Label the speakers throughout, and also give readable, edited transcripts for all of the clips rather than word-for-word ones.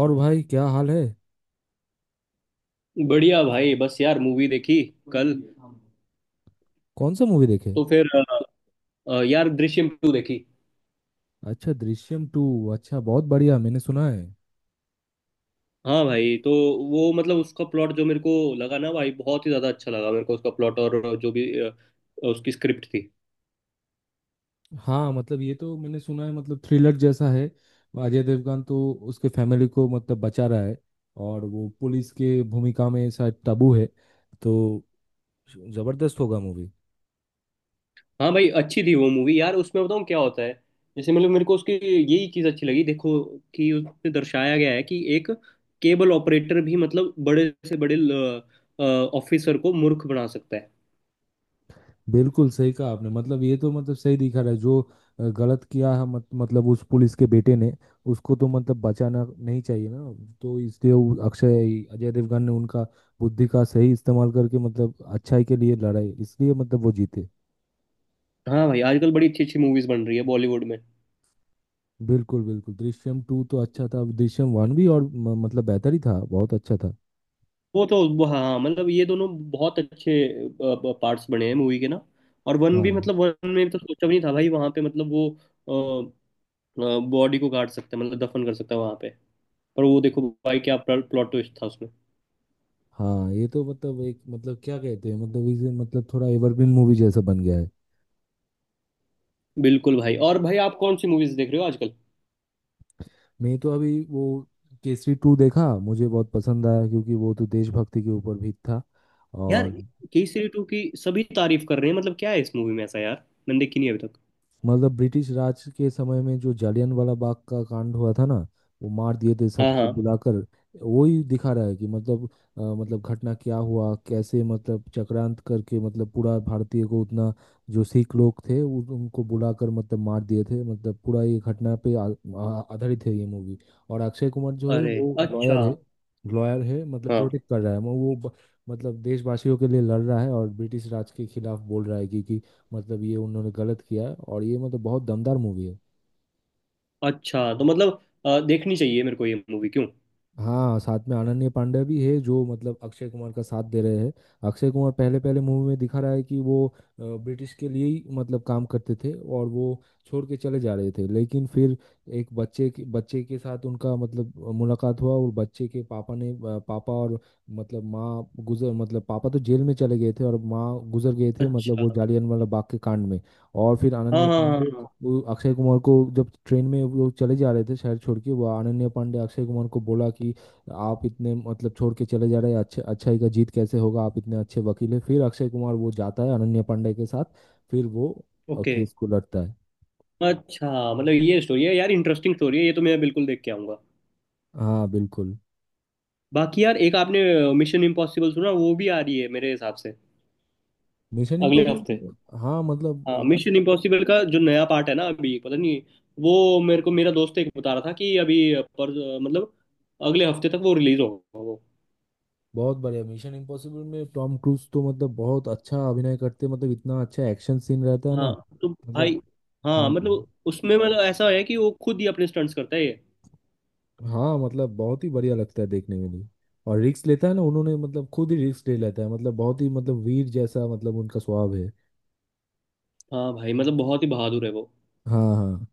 Speaker 1: और भाई क्या हाल है।
Speaker 2: बढ़िया भाई, बस यार मूवी देखी कल।
Speaker 1: कौन सा मूवी देखे।
Speaker 2: तो फिर अ, यार दृश्यम टू देखी।
Speaker 1: अच्छा, दृश्यम टू। अच्छा, बहुत बढ़िया, मैंने सुना है।
Speaker 2: हाँ भाई, तो वो मतलब उसका प्लॉट जो मेरे को लगा ना भाई, बहुत ही ज्यादा अच्छा लगा मेरे को उसका प्लॉट, और जो भी उसकी स्क्रिप्ट थी।
Speaker 1: हाँ मतलब ये तो मैंने सुना है, मतलब थ्रिलर जैसा है। अजय देवगन तो उसके फैमिली को मतलब बचा रहा है और वो पुलिस के भूमिका में शायद तब्बू है। तो जबरदस्त होगा मूवी।
Speaker 2: हाँ भाई, अच्छी थी वो मूवी यार। उसमें बताऊँ क्या होता है? जैसे मतलब मेरे को उसकी यही चीज़ अच्छी लगी, देखो कि उसमें दर्शाया गया है कि एक केबल ऑपरेटर भी मतलब बड़े से बड़े ऑफिसर को मूर्ख बना सकता है।
Speaker 1: बिल्कुल सही कहा आपने, मतलब ये तो मतलब सही दिखा रहा है। जो गलत किया है मत, मतलब उस पुलिस के बेटे ने, उसको तो मतलब बचाना नहीं चाहिए ना। तो इसलिए वो अक्षय अजय देवगन ने उनका बुद्धि का सही इस्तेमाल करके मतलब अच्छाई के लिए लड़ाई, इसलिए मतलब वो जीते।
Speaker 2: हाँ भाई, आजकल बड़ी अच्छी अच्छी मूवीज बन रही है बॉलीवुड में।
Speaker 1: बिल्कुल बिल्कुल, दृश्यम टू तो अच्छा था, दृश्यम वन भी, और मतलब बेहतर ही था, बहुत अच्छा था।
Speaker 2: वो तो वो, हाँ हाँ, मतलब ये दोनों बहुत अच्छे पार्ट्स बने हैं मूवी के ना। और वन
Speaker 1: हाँ
Speaker 2: भी, मतलब वन में तो सोचा भी नहीं था भाई, वहां पे मतलब वो बॉडी को काट सकता है, मतलब दफन कर सकता है वहां पे। पर वो देखो भाई, क्या प्लॉट ट्विस्ट था उसमें।
Speaker 1: हाँ, ये तो मतलब एक मतलब क्या कहते हैं, मतलब इसे मतलब थोड़ा एवरग्रीन मूवी जैसा बन गया है।
Speaker 2: बिल्कुल भाई। और भाई, आप कौन सी मूवीज देख रहे हो आजकल?
Speaker 1: मैं तो अभी वो केसरी टू देखा, मुझे बहुत पसंद आया क्योंकि वो तो देशभक्ति के ऊपर भी था।
Speaker 2: यार
Speaker 1: और
Speaker 2: केसरी टू की सभी तारीफ कर रहे हैं, मतलब क्या है इस मूवी में ऐसा यार। मैंने देखी नहीं अभी तक।
Speaker 1: मतलब ब्रिटिश राज के समय में जो जालियनवाला बाग का कांड हुआ था ना, वो मार दिए थे
Speaker 2: हाँ
Speaker 1: सबको
Speaker 2: हाँ।
Speaker 1: बुलाकर। वही दिखा रहा है कि मतलब मतलब घटना क्या हुआ, कैसे मतलब चक्रांत करके मतलब पूरा भारतीय को उतना जो सिख लोग थे उनको बुलाकर मतलब मार दिए थे, मतलब पूरा ये घटना पे आ, आ- आधारित है ये मूवी। और अक्षय कुमार जो है
Speaker 2: अरे,
Speaker 1: वो
Speaker 2: अच्छा।
Speaker 1: लॉयर है। लॉयर है, मतलब
Speaker 2: हाँ।
Speaker 1: प्रोटेक्ट कर रहा है वो मतलब देशवासियों के लिए लड़ रहा है और ब्रिटिश राज के खिलाफ बोल रहा है कि, मतलब ये उन्होंने गलत किया। और ये मतलब बहुत दमदार मूवी है।
Speaker 2: अच्छा तो मतलब देखनी चाहिए मेरे को ये मूवी क्यों।
Speaker 1: हाँ, साथ में अनन्या पांडे भी है जो मतलब अक्षय कुमार का साथ दे रहे हैं। अक्षय कुमार पहले पहले मूवी में दिखा रहा है कि वो ब्रिटिश के लिए ही मतलब काम करते थे और वो छोड़ के चले जा रहे थे, लेकिन फिर एक बच्चे के साथ उनका मतलब मुलाकात हुआ। और बच्चे के पापा ने पापा और मतलब माँ गुजर मतलब पापा तो जेल में चले गए थे और माँ गुजर गए थे, मतलब वो
Speaker 2: अच्छा।
Speaker 1: जालियनवाला बाग के कांड में। और फिर
Speaker 2: हाँ
Speaker 1: अनन्या
Speaker 2: हाँ
Speaker 1: पांडे,
Speaker 2: हाँ।
Speaker 1: वो अक्षय कुमार को जब ट्रेन में वो लोग चले जा रहे थे शहर छोड़ के, वो अनन्या पांडे अक्षय कुमार को बोला कि आप इतने मतलब छोड़ के चले जा रहे हैं, अच्छे अच्छाई का जीत कैसे होगा, आप इतने अच्छे वकील हैं। फिर अक्षय कुमार वो जाता है अनन्या पांडे के साथ, फिर वो
Speaker 2: ओके।
Speaker 1: केस को लड़ता है।
Speaker 2: अच्छा, मतलब ये स्टोरी है यार, इंटरेस्टिंग स्टोरी है ये तो। मैं बिल्कुल देख के आऊंगा।
Speaker 1: हाँ बिल्कुल।
Speaker 2: बाकी यार, एक आपने मिशन इम्पॉसिबल सुना? वो भी आ रही है मेरे हिसाब से
Speaker 1: मिशन
Speaker 2: अगले हफ्ते।
Speaker 1: इम्पॉसिबल, हाँ मतलब वो
Speaker 2: हाँ मिशन इम्पॉसिबल का जो नया पार्ट है ना, अभी पता नहीं। वो मेरे को मेरा दोस्त एक बता रहा था कि अभी, पर मतलब अगले हफ्ते तक वो रिलीज होगा वो।
Speaker 1: बहुत बढ़िया। मिशन इम्पॉसिबल में टॉम क्रूज तो मतलब बहुत अच्छा अभिनय करते हैं, मतलब इतना अच्छा एक्शन सीन रहता है ना
Speaker 2: हाँ तो भाई,
Speaker 1: मतलब। हाँ
Speaker 2: हाँ मतलब उसमें मतलब ऐसा है कि वो खुद ही अपने स्टंट्स करता है ये।
Speaker 1: हाँ, मतलब बहुत ही बढ़िया लगता है देखने में भी। और रिस्क लेता है ना, उन्होंने मतलब खुद ही रिस्क ले लेता है, मतलब बहुत ही मतलब वीर जैसा मतलब उनका स्वभाव है।
Speaker 2: हाँ भाई, मतलब बहुत ही बहादुर है वो।
Speaker 1: हाँ हाँ।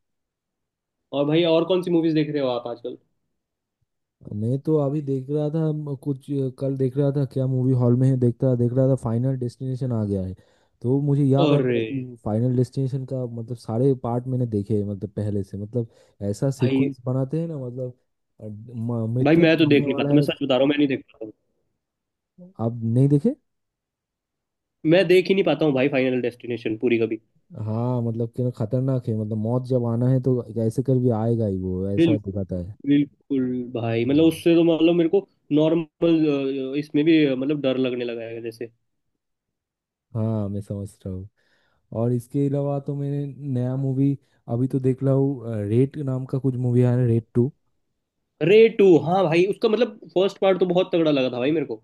Speaker 2: और भाई, और कौन सी मूवीज देख रहे हो आप आजकल?
Speaker 1: मैं तो अभी देख रहा था कुछ कल देख रहा था क्या मूवी हॉल में है, देख रहा था, फाइनल डेस्टिनेशन आ गया है। तो मुझे याद आ
Speaker 2: अरे
Speaker 1: गया कि फाइनल डेस्टिनेशन का मतलब सारे पार्ट मैंने देखे हैं, मतलब पहले से मतलब ऐसा
Speaker 2: भाई,
Speaker 1: सीक्वेंस बनाते हैं ना मतलब
Speaker 2: भाई
Speaker 1: मृत्यु
Speaker 2: मैं
Speaker 1: जब
Speaker 2: तो देख
Speaker 1: आने
Speaker 2: नहीं
Speaker 1: वाला
Speaker 2: पाता, मैं
Speaker 1: है।
Speaker 2: सच बता रहा हूँ, मैं नहीं देख पाता हूँ।
Speaker 1: आप नहीं देखे।
Speaker 2: मैं देख ही नहीं पाता हूँ भाई, फाइनल डेस्टिनेशन पूरी कभी।
Speaker 1: हाँ मतलब कि ना, खतरनाक है, मतलब मौत जब आना है तो कैसे कर भी आएगा ही, वो ऐसा
Speaker 2: बिल्कुल।
Speaker 1: दिखाता है।
Speaker 2: बिल्कुल। भाई मतलब
Speaker 1: हम्म।
Speaker 2: उससे तो मतलब मेरे को नॉर्मल इसमें भी मतलब डर लगने लगा है जैसे।
Speaker 1: हाँ मैं समझ रहा हूँ। और इसके अलावा तो मैंने नया मूवी अभी तो देख रहा हूँ, रेड नाम का कुछ मूवी आया है, रेड टू।
Speaker 2: रे टू, हाँ भाई, उसका मतलब फर्स्ट पार्ट तो बहुत तगड़ा लगा था भाई मेरे को।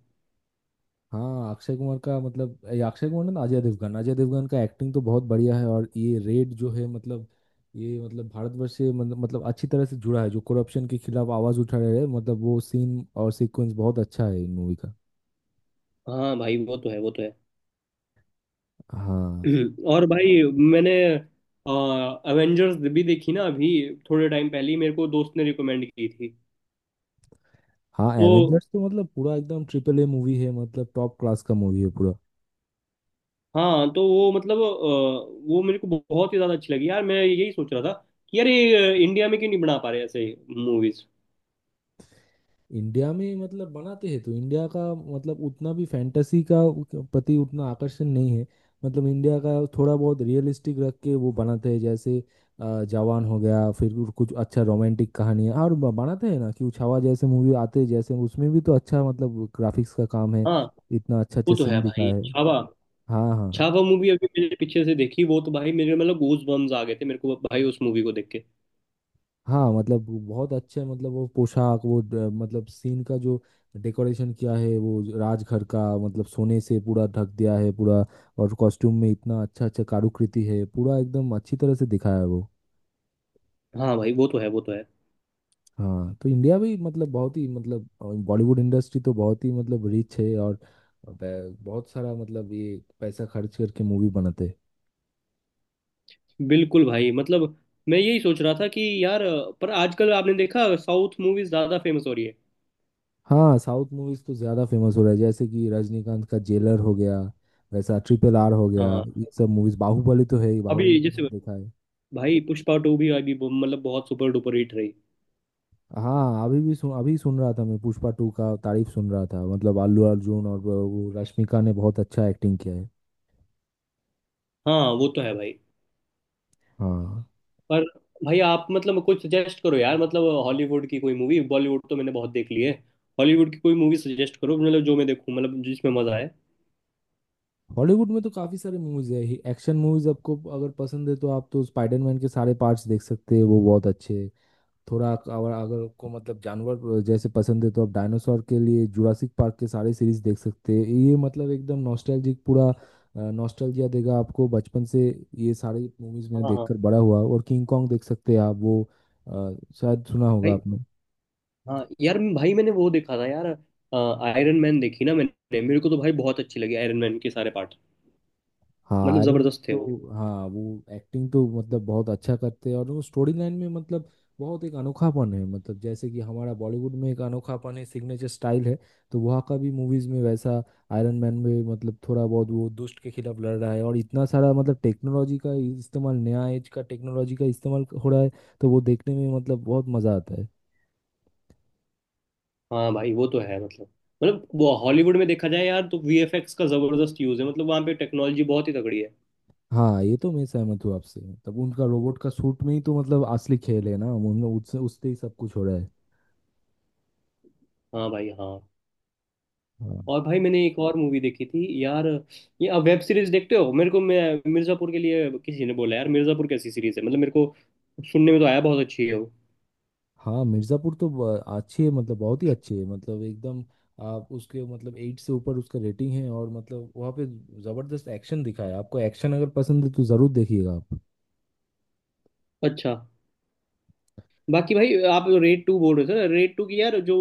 Speaker 1: हाँ, अक्षय कुमार का मतलब ये अक्षय कुमार ना अजय देवगन, अजय देवगन का एक्टिंग तो बहुत बढ़िया है। और ये रेड जो है, मतलब ये मतलब भारतवर्ष से मतलब मतलब अच्छी तरह से जुड़ा है, जो करप्शन के खिलाफ आवाज उठा रहे हैं, मतलब वो सीन और सीक्वेंस बहुत अच्छा है इन मूवी का।
Speaker 2: हाँ भाई वो तो है, वो तो है।
Speaker 1: हाँ।
Speaker 2: और भाई, मैंने अवेंजर्स भी देखी ना अभी, थोड़े टाइम पहले ही। मेरे को दोस्त ने रिकमेंड की थी।
Speaker 1: हाँ,
Speaker 2: तो
Speaker 1: एवेंजर्स तो मतलब पूरा एकदम ट्रिपल ए मूवी है, मतलब टॉप क्लास का मूवी है पूरा।
Speaker 2: हाँ, तो वो मतलब वो मेरे को बहुत ही ज्यादा अच्छी लगी यार। मैं यही सोच रहा था कि यार, ये इंडिया में क्यों नहीं बना पा रहे ऐसे मूवीज।
Speaker 1: इंडिया में मतलब बनाते हैं तो इंडिया का मतलब उतना भी फैंटेसी का प्रति उतना आकर्षण नहीं है। मतलब इंडिया का थोड़ा बहुत रियलिस्टिक रख के वो बनाते हैं, जैसे जवान हो गया, फिर कुछ कुछ अच्छा रोमांटिक कहानी है। और बनाते हैं ना कि उछावा जैसे मूवी आते हैं, जैसे उसमें भी तो अच्छा मतलब ग्राफिक्स का काम है,
Speaker 2: हाँ
Speaker 1: इतना अच्छा
Speaker 2: वो
Speaker 1: अच्छा
Speaker 2: तो
Speaker 1: सीन
Speaker 2: है भाई।
Speaker 1: दिखाया है।
Speaker 2: छावा,
Speaker 1: हाँ हाँ।
Speaker 2: छावा मूवी अभी मेरे पीछे से देखी, वो तो भाई मेरे मतलब गूज बम्स आ गए थे मेरे को भाई उस मूवी को देख के।
Speaker 1: हाँ मतलब वो बहुत अच्छे, मतलब वो पोशाक वो मतलब सीन का जो डेकोरेशन किया है वो राजघर का, मतलब सोने से पूरा ढक दिया है पूरा। और कॉस्ट्यूम में इतना अच्छा अच्छा कारुकृति है, पूरा एकदम अच्छी तरह से दिखाया है वो।
Speaker 2: हाँ भाई वो तो है, वो तो है।
Speaker 1: हाँ तो इंडिया भी मतलब बहुत ही मतलब बॉलीवुड इंडस्ट्री तो बहुत ही मतलब रिच है, और बहुत सारा मतलब ये पैसा खर्च करके मूवी बनाते हैं।
Speaker 2: बिल्कुल भाई, मतलब मैं यही सोच रहा था कि यार पर आजकल आपने देखा, साउथ मूवीज ज्यादा फेमस हो रही है।
Speaker 1: हाँ, साउथ मूवीज तो ज्यादा फेमस हो रहा है, जैसे कि रजनीकांत का जेलर हो गया, वैसा ट्रिपल आर हो गया,
Speaker 2: हाँ
Speaker 1: ये सब मूवीज। बाहुबली तो है ही,
Speaker 2: अभी
Speaker 1: बाहुबली तो
Speaker 2: जैसे
Speaker 1: मैंने देखा है।
Speaker 2: भाई पुष्पा टू भी अभी मतलब बहुत सुपर डुपर हिट रही।
Speaker 1: हाँ अभी भी सुन अभी सुन रहा था मैं, पुष्पा टू का तारीफ सुन रहा था, मतलब अल्लू अर्जुन और वो रश्मिका ने बहुत अच्छा एक्टिंग किया है।
Speaker 2: हाँ वो तो है भाई।
Speaker 1: हाँ।
Speaker 2: पर भाई, आप मतलब कोई सजेस्ट करो यार, मतलब हॉलीवुड की कोई मूवी। बॉलीवुड तो मैंने बहुत देख ली है। हॉलीवुड की कोई मूवी सजेस्ट करो, मतलब जो मैं देखूं, मतलब जिसमें मजा आए।
Speaker 1: हॉलीवुड में तो काफी सारे मूवीज है। एक्शन मूवीज आपको अगर पसंद है तो आप तो स्पाइडरमैन के सारे पार्ट्स देख सकते हैं, वो बहुत अच्छे। थोड़ा और अगर को मतलब जानवर जैसे पसंद है तो आप डायनासोर के लिए जुरासिक पार्क के सारे सीरीज देख सकते हैं, ये मतलब एकदम नॉस्टैल्जिक पूरा, नॉस्टैल्जिया देगा आपको बचपन से। ये सारी मूवीज मैंने
Speaker 2: हाँ हाँ।
Speaker 1: देखकर बड़ा हुआ। और किंग कॉन्ग देख सकते हैं आप, वो अ, शायद सुना होगा
Speaker 2: भाई,
Speaker 1: आपने।
Speaker 2: हाँ यार, भाई मैंने वो देखा था यार, आयरन मैन देखी ना मैंने। मेरे को तो भाई बहुत अच्छी लगी आयरन मैन के सारे पार्ट,
Speaker 1: हाँ
Speaker 2: मतलब
Speaker 1: आयरन मैन,
Speaker 2: जबरदस्त थे वो।
Speaker 1: तो हाँ, वो एक्टिंग तो मतलब बहुत अच्छा करते हैं। और वो स्टोरी लाइन में मतलब बहुत एक अनोखापन है, मतलब जैसे कि हमारा बॉलीवुड में एक अनोखापन है, सिग्नेचर स्टाइल है, तो वहाँ का भी मूवीज में वैसा। आयरन मैन में मतलब थोड़ा बहुत वो दुष्ट के खिलाफ लड़ रहा है और इतना सारा मतलब टेक्नोलॉजी का इस्तेमाल, नया एज का टेक्नोलॉजी का इस्तेमाल हो रहा है, तो वो देखने में मतलब बहुत मजा आता है।
Speaker 2: हाँ भाई वो तो है मतलब, मतलब वो हॉलीवुड में देखा जाए यार, तो वीएफएक्स का जबरदस्त यूज है, मतलब वहां पे टेक्नोलॉजी बहुत ही तगड़ी है।
Speaker 1: हाँ ये तो मैं सहमत हूँ आपसे, मतलब उनका रोबोट का सूट में ही तो मतलब असली खेल है ना, उन उससे उससे ही सब कुछ हो रहा है।
Speaker 2: हाँ भाई, हाँ।
Speaker 1: हाँ
Speaker 2: और भाई मैंने एक और मूवी देखी थी यार। ये, अब वेब सीरीज देखते हो? मेरे को, मैं मिर्जापुर के लिए, किसी ने बोला यार मिर्जापुर कैसी सीरीज है, मतलब मेरे को सुनने में तो आया बहुत अच्छी है वो।
Speaker 1: हाँ। मिर्ज़ापुर तो अच्छी है, मतलब बहुत ही अच्छी है, मतलब एकदम। आप उसके मतलब एट से ऊपर उसका रेटिंग है। और मतलब वहाँ पे ज़बरदस्त एक्शन दिखा है आपको, एक्शन अगर पसंद है तो ज़रूर देखिएगा आप।
Speaker 2: अच्छा। बाकी भाई आप रेड टू बोल रहे थे, रेड टू की यार, जो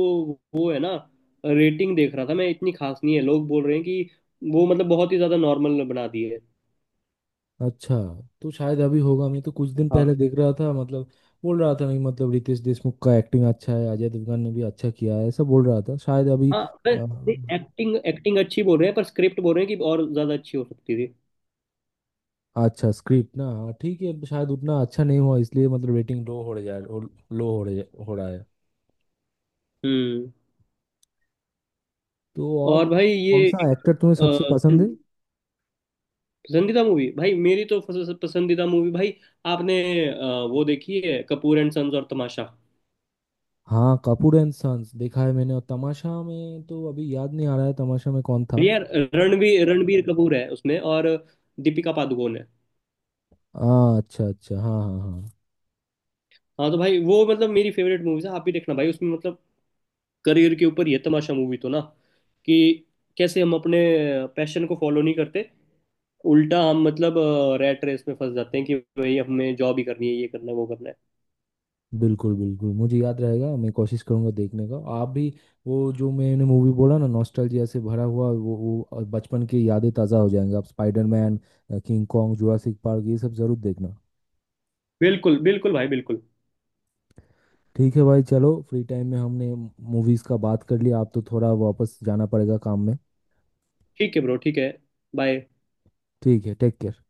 Speaker 2: वो है ना, रेटिंग देख रहा था मैं, इतनी खास नहीं है। लोग बोल रहे हैं कि वो मतलब बहुत ही ज्यादा नॉर्मल बना दी है।
Speaker 1: अच्छा, तो शायद अभी होगा, मैं तो कुछ दिन
Speaker 2: हाँ।
Speaker 1: पहले देख रहा था मतलब बोल रहा था नहीं, मतलब रितेश देशमुख का एक्टिंग अच्छा है, अजय देवगन ने भी अच्छा किया है ऐसा बोल रहा था शायद अभी
Speaker 2: हाँ।
Speaker 1: अ,
Speaker 2: एक्टिंग एक्टिंग अच्छी बोल रहे हैं, पर स्क्रिप्ट बोल रहे हैं कि और ज्यादा अच्छी हो सकती थी।
Speaker 1: अच्छा स्क्रिप्ट ना, हाँ ठीक है, शायद उतना अच्छा नहीं हुआ इसलिए मतलब रेटिंग लो हो रहा है। लो हो रहा है
Speaker 2: हम्म।
Speaker 1: तो और
Speaker 2: और भाई
Speaker 1: कौन
Speaker 2: ये
Speaker 1: सा
Speaker 2: एक
Speaker 1: एक्टर तुम्हें सबसे पसंद है।
Speaker 2: पसंदीदा मूवी भाई, मेरी तो पसंदीदा मूवी भाई, आपने अ, वो देखी है कपूर एंड सन्स और तमाशा?
Speaker 1: हाँ कपूर एंड सन्स देखा है मैंने। और तमाशा में तो अभी याद नहीं आ रहा है, तमाशा में कौन था।
Speaker 2: यार रणवीर रणबीर कपूर है उसमें और दीपिका पादुकोण है।
Speaker 1: हाँ अच्छा अच्छा, हाँ हाँ हाँ।
Speaker 2: हाँ तो भाई वो मतलब मेरी फेवरेट मूवीज है। आप भी देखना भाई, उसमें मतलब करियर के ऊपर ये तमाशा मूवी तो ना कि कैसे हम अपने पैशन को फॉलो नहीं करते, उल्टा हम मतलब रैट रेस में फंस जाते हैं कि भाई हमें जॉब ही करनी है, ये करना है वो करना है।
Speaker 1: बिल्कुल बिल्कुल, मुझे याद रहेगा, मैं कोशिश करूंगा देखने का। आप भी वो जो मैंने मूवी बोला ना, नॉस्टैल्जिया से भरा हुआ, वो और बचपन की यादें ताज़ा हो जाएंगी, आप Spiderman, King Kong, Jurassic Park ये सब ज़रूर देखना।
Speaker 2: बिल्कुल बिल्कुल भाई, बिल्कुल।
Speaker 1: ठीक है भाई चलो, फ्री टाइम में हमने मूवीज़ का बात कर लिया, आप तो थोड़ा वापस जाना पड़ेगा काम में।
Speaker 2: ठीक है ब्रो, ठीक है। बाय।
Speaker 1: ठीक है, टेक केयर।